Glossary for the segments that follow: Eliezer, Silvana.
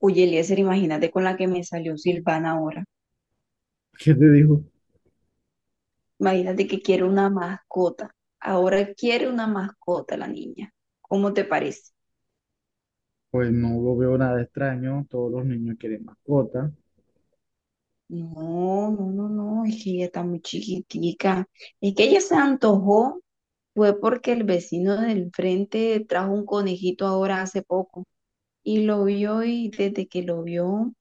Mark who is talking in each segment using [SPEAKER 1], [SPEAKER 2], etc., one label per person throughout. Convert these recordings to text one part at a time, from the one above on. [SPEAKER 1] Oye, Eliezer, imagínate con la que me salió Silvana ahora.
[SPEAKER 2] ¿Qué te dijo?
[SPEAKER 1] Imagínate que quiere una mascota. Ahora quiere una mascota la niña. ¿Cómo te parece?
[SPEAKER 2] Pues no lo veo nada extraño, todos los niños quieren mascotas.
[SPEAKER 1] No, no, no, no, es que ella está muy chiquitica. Es que ella se antojó, fue porque el vecino del frente trajo un conejito ahora hace poco y lo vio, y desde que lo vio: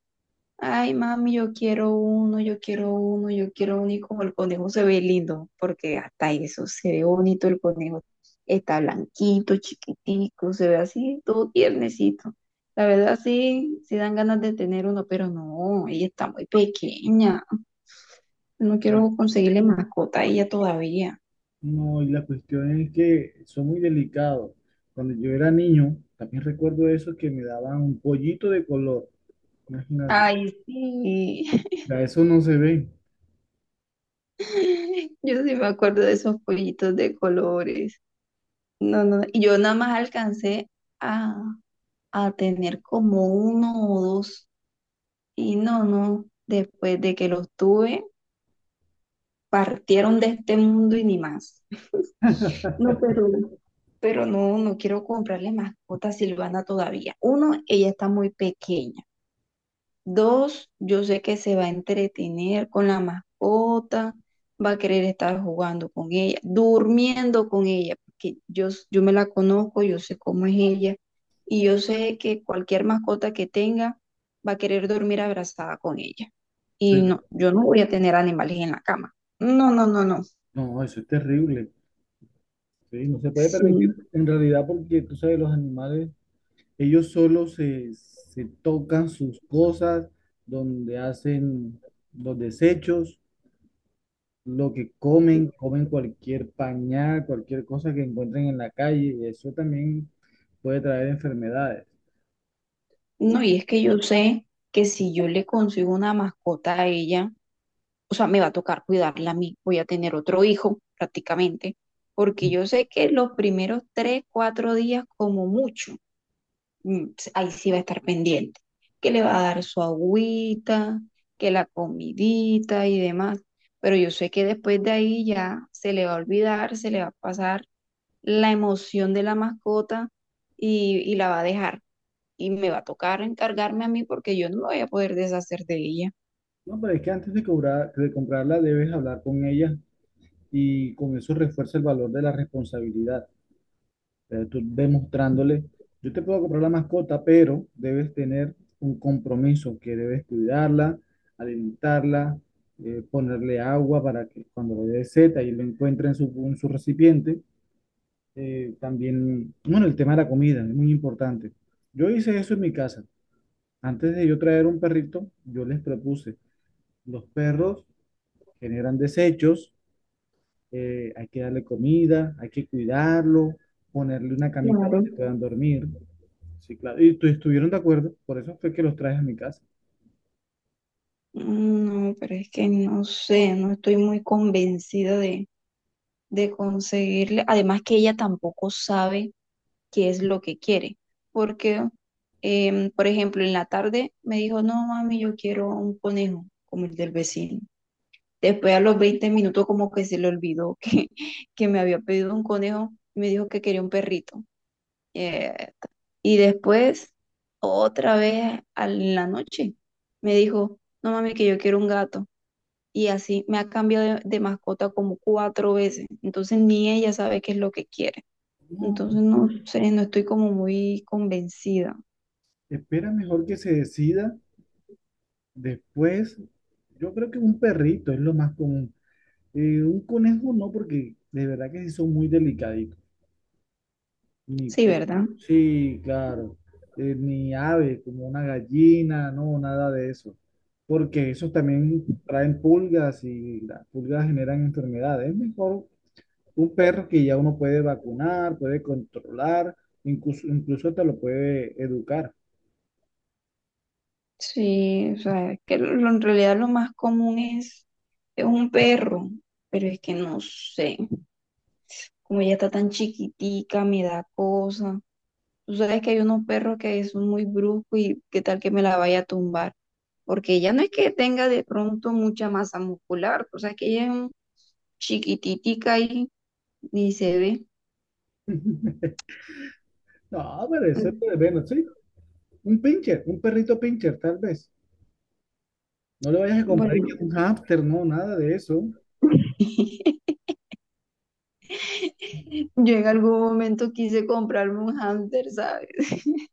[SPEAKER 1] ay, mami, yo quiero uno, yo quiero uno, yo quiero uno. Y como el conejo se ve lindo, porque hasta eso se ve bonito el conejo. Está blanquito, chiquitico, se ve así, todo tiernecito. La verdad, sí, sí dan ganas de tener uno, pero no, ella está muy pequeña. No
[SPEAKER 2] Y
[SPEAKER 1] quiero conseguirle mascota a ella todavía.
[SPEAKER 2] no, y la cuestión es que son muy delicados. Cuando yo era niño, también recuerdo eso que me daban un pollito de color. Imagínate,
[SPEAKER 1] Ay, sí.
[SPEAKER 2] ya eso no se ve,
[SPEAKER 1] Yo sí me acuerdo de esos pollitos de colores. No, no, y yo nada más alcancé a tener como uno o dos. Y no, no, después de que los tuve, partieron de este mundo y ni más. No, pero no, no quiero comprarle mascota a Silvana todavía. Uno, ella está muy pequeña. Dos, yo sé que se va a entretener con la mascota, va a querer estar jugando con ella, durmiendo con ella, porque yo me la conozco, yo sé cómo es ella, y yo sé que cualquier mascota que tenga va a querer dormir abrazada con ella. Y
[SPEAKER 2] pero
[SPEAKER 1] no, yo no voy a tener animales en la cama. No, no, no, no.
[SPEAKER 2] no, eso es terrible. ¿Sí? No se puede permitir
[SPEAKER 1] Sí.
[SPEAKER 2] en realidad porque tú sabes, los animales, ellos solo se tocan sus cosas, donde hacen los desechos. Lo que comen, comen cualquier pañal, cualquier cosa que encuentren en la calle, y eso también puede traer enfermedades.
[SPEAKER 1] No, y es que yo sé que si yo le consigo una mascota a ella, o sea, me va a tocar cuidarla a mí, voy a tener otro hijo prácticamente, porque yo sé que los primeros 3, 4 días como mucho, mm, ahí sí va a estar pendiente, que le va a dar su agüita, que la comidita y demás, pero yo sé que después de ahí ya se le va a olvidar, se le va a pasar la emoción de la mascota, y la va a dejar. Y me va a tocar encargarme a mí porque yo no me voy a poder deshacer de ella.
[SPEAKER 2] No, pero es que antes de cobrar, de comprarla debes hablar con ella y con eso refuerza el valor de la responsabilidad. Tú demostrándole, yo te puedo comprar la mascota, pero debes tener un compromiso que debes cuidarla, alimentarla, ponerle agua para que cuando le dé seta y lo encuentre en su recipiente, también, bueno, el tema de la comida es muy importante. Yo hice eso en mi casa. Antes de yo traer un perrito, yo les propuse, los perros generan desechos, hay que darle comida, hay que cuidarlo, ponerle una camita
[SPEAKER 1] Claro.
[SPEAKER 2] donde puedan dormir. Sí, claro. Y tu- estuvieron de acuerdo, por eso fue que los traje a mi casa.
[SPEAKER 1] No, pero es que no sé, no estoy muy convencida de conseguirle. Además que ella tampoco sabe qué es lo que quiere, porque, por ejemplo, en la tarde me dijo: no, mami, yo quiero un conejo como el del vecino. Después, a los 20 minutos, como que se le olvidó que, que me había pedido un conejo y me dijo que quería un perrito. Eh, y después, otra vez la noche, me dijo: no, mami, que yo quiero un gato. Y así me ha cambiado de mascota como cuatro veces. Entonces ni ella sabe qué es lo que quiere.
[SPEAKER 2] No,
[SPEAKER 1] Entonces no sé, no estoy como muy convencida.
[SPEAKER 2] espera mejor que se decida después. Yo creo que un perrito es lo más común. Un conejo no, porque de verdad que sí son muy delicados. Ni
[SPEAKER 1] Sí,
[SPEAKER 2] po-
[SPEAKER 1] ¿verdad?
[SPEAKER 2] sí, claro, ni ave, como una gallina, no, nada de eso, porque esos también traen pulgas y las pulgas generan enfermedades. Es mejor un perro que ya uno puede vacunar, puede controlar, incluso, incluso te lo puede educar.
[SPEAKER 1] Sí, o sea, es que en realidad lo más común es un perro, pero es que no sé, como ella está tan chiquitica, me da cosa. Tú sabes que hay unos perros que son muy bruscos, y qué tal que me la vaya a tumbar, porque ella no es que tenga de pronto mucha masa muscular, o sea, que ella es chiquititica y ni se ve.
[SPEAKER 2] No, pero ese puede bueno, sí, un pincher, un perrito pincher, tal vez. No le vayas a comprar
[SPEAKER 1] Bueno,
[SPEAKER 2] que un hámster, no, nada de eso.
[SPEAKER 1] yo en algún momento quise comprarme un hámster, ¿sabes?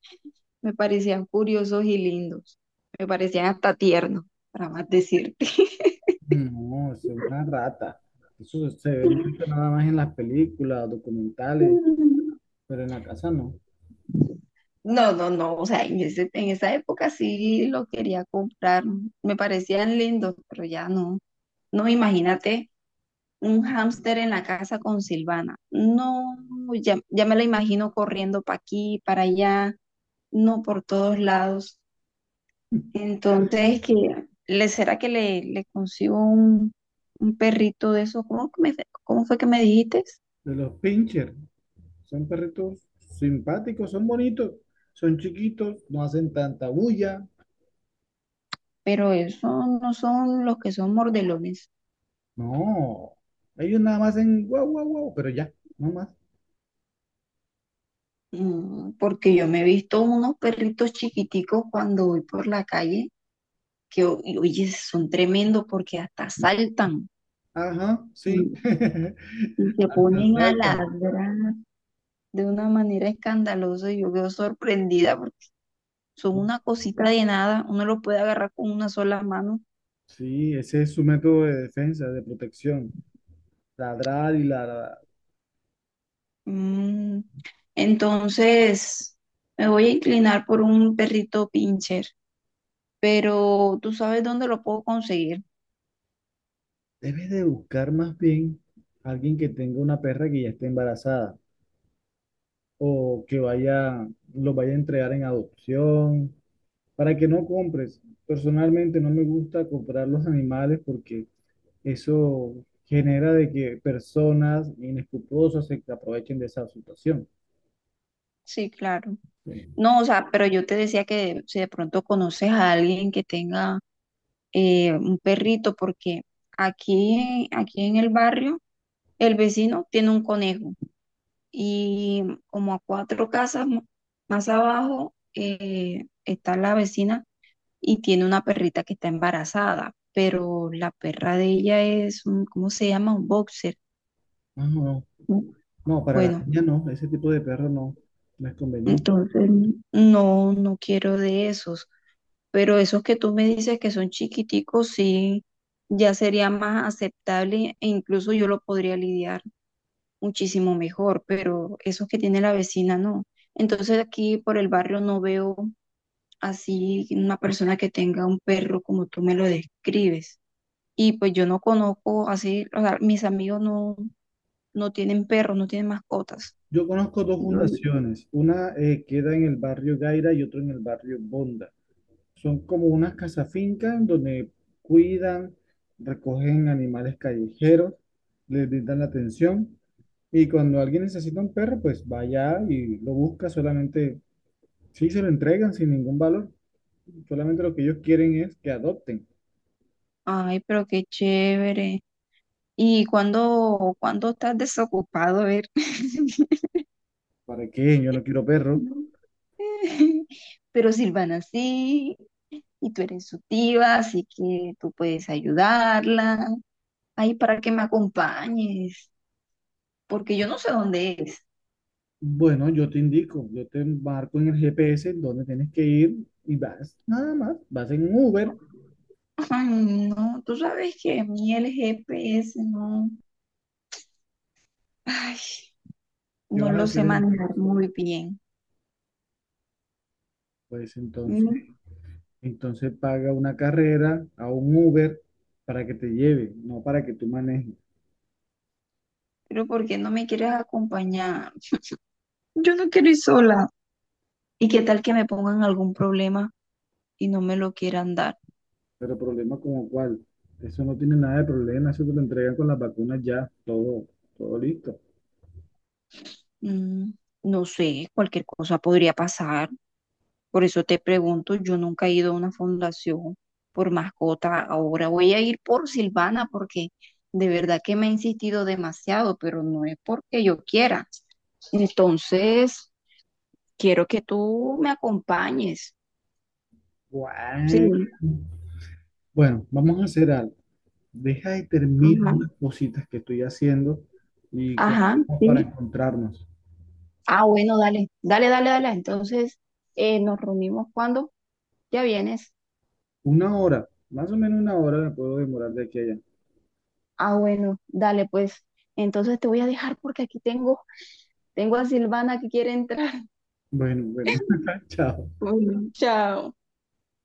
[SPEAKER 1] Me parecían curiosos y lindos. Me parecían hasta tiernos, para más decirte.
[SPEAKER 2] No, eso es una rata. Eso se ve mucho nada más en las películas, documentales, pero en la casa no.
[SPEAKER 1] No, no, no, o sea, en en esa época sí lo quería comprar. Me parecían lindos, pero ya no. No, imagínate un hámster en la casa con Silvana. No, ya, ya me la imagino corriendo para aquí, para allá, no, por todos lados. Entonces, que le será, que le consigo un perrito de esos? ¿Cómo, cómo fue que me dijiste?
[SPEAKER 2] De los pincher, son perritos simpáticos, son bonitos, son chiquitos, no hacen tanta bulla.
[SPEAKER 1] Pero esos no son los que son mordelones.
[SPEAKER 2] No, ellos nada más hacen guau, guau, guau, pero ya, no más.
[SPEAKER 1] Porque yo me he visto unos perritos chiquiticos cuando voy por la calle, y oye, son tremendos porque hasta saltan
[SPEAKER 2] Ajá,
[SPEAKER 1] y,
[SPEAKER 2] sí.
[SPEAKER 1] y se
[SPEAKER 2] Hasta
[SPEAKER 1] ponen a
[SPEAKER 2] saltan.
[SPEAKER 1] ladrar de una manera escandalosa, y yo quedo sorprendida porque son una cosita de nada, uno lo puede agarrar con una sola mano.
[SPEAKER 2] Sí, ese es su método de defensa, de protección. Ladrar y ladrar.
[SPEAKER 1] Mm, Entonces, me voy a inclinar por un perrito pincher, pero tú sabes dónde lo puedo conseguir.
[SPEAKER 2] Debes de buscar más bien a alguien que tenga una perra que ya esté embarazada o que vaya, lo vaya a entregar en adopción para que no compres. Personalmente no me gusta comprar los animales porque eso genera de que personas inescrupulosas se aprovechen de esa situación.
[SPEAKER 1] Sí, claro.
[SPEAKER 2] Sí.
[SPEAKER 1] No, o sea, pero yo te decía que si de pronto conoces a alguien que tenga, un perrito, porque aquí en el barrio, el vecino tiene un conejo, y como a cuatro casas más abajo, está la vecina y tiene una perrita que está embarazada, pero la perra de ella es un, ¿cómo se llama?, un boxer.
[SPEAKER 2] No, no, no, no, para la
[SPEAKER 1] Bueno,
[SPEAKER 2] niña no, ese tipo de perro no, no es conveniente.
[SPEAKER 1] entonces no, no quiero de esos, pero esos que tú me dices que son chiquiticos, sí, ya sería más aceptable e incluso yo lo podría lidiar muchísimo mejor, pero esos que tiene la vecina no. Entonces aquí por el barrio no veo así una persona que tenga un perro como tú me lo describes. Y pues yo no conozco así, o sea, mis amigos no, no tienen perros, no tienen mascotas.
[SPEAKER 2] Yo conozco dos
[SPEAKER 1] Yo,
[SPEAKER 2] fundaciones, una, queda en el barrio Gaira y otra en el barrio Bonda. Son como unas casafincas donde cuidan, recogen animales callejeros, les brindan la atención. Y cuando alguien necesita un perro, pues va allá y lo busca solamente, sí se lo entregan sin ningún valor, solamente lo que ellos quieren es que adopten.
[SPEAKER 1] Ay, pero qué chévere. ¿Y cuándo, cuándo estás desocupado? A ver.
[SPEAKER 2] ¿Para qué? Yo no quiero perro.
[SPEAKER 1] Pero Silvana sí, y tú eres su tía, así que tú puedes ayudarla. Ay, para que me acompañes, porque yo no sé dónde es.
[SPEAKER 2] Bueno, yo te indico, yo te marco en el GPS dónde tienes que ir y vas, nada más, vas en Uber.
[SPEAKER 1] Ay, no, tú sabes que a mí el GPS no. Ay.
[SPEAKER 2] ¿Qué
[SPEAKER 1] No
[SPEAKER 2] vas a
[SPEAKER 1] lo sé
[SPEAKER 2] hacer entonces?
[SPEAKER 1] manejar muy bien.
[SPEAKER 2] Pues entonces.
[SPEAKER 1] Mm,
[SPEAKER 2] Entonces paga una carrera a un Uber para que te lleve, no para que tú manejes.
[SPEAKER 1] Pero ¿por qué no me quieres acompañar? Yo no quiero ir sola. ¿Y qué tal que me pongan algún problema y no me lo quieran dar?
[SPEAKER 2] Pero problema como cuál, eso no tiene nada de problema, eso te lo entregan con las vacunas ya, todo, todo listo.
[SPEAKER 1] Mm, no sé, cualquier cosa podría pasar. Por eso te pregunto, yo nunca he ido a una fundación por mascota. Ahora voy a ir por Silvana porque de verdad que me ha insistido demasiado, pero no es porque yo quiera. Entonces, quiero que tú me acompañes. Sí.
[SPEAKER 2] Guau. Bueno, vamos a hacer algo. Deja y termina
[SPEAKER 1] Ajá.
[SPEAKER 2] unas cositas que estoy haciendo y
[SPEAKER 1] Ajá,
[SPEAKER 2] cogemos para
[SPEAKER 1] sí.
[SPEAKER 2] encontrarnos.
[SPEAKER 1] Ah, bueno, dale, dale, dale, dale. Entonces, nos reunimos cuando ya vienes.
[SPEAKER 2] Una hora, más o menos una hora me puedo demorar de aquí a allá.
[SPEAKER 1] Ah, bueno, dale, pues. Entonces te voy a dejar porque aquí tengo a Silvana que quiere entrar.
[SPEAKER 2] Bueno, bueno, chao.
[SPEAKER 1] Bueno, chao.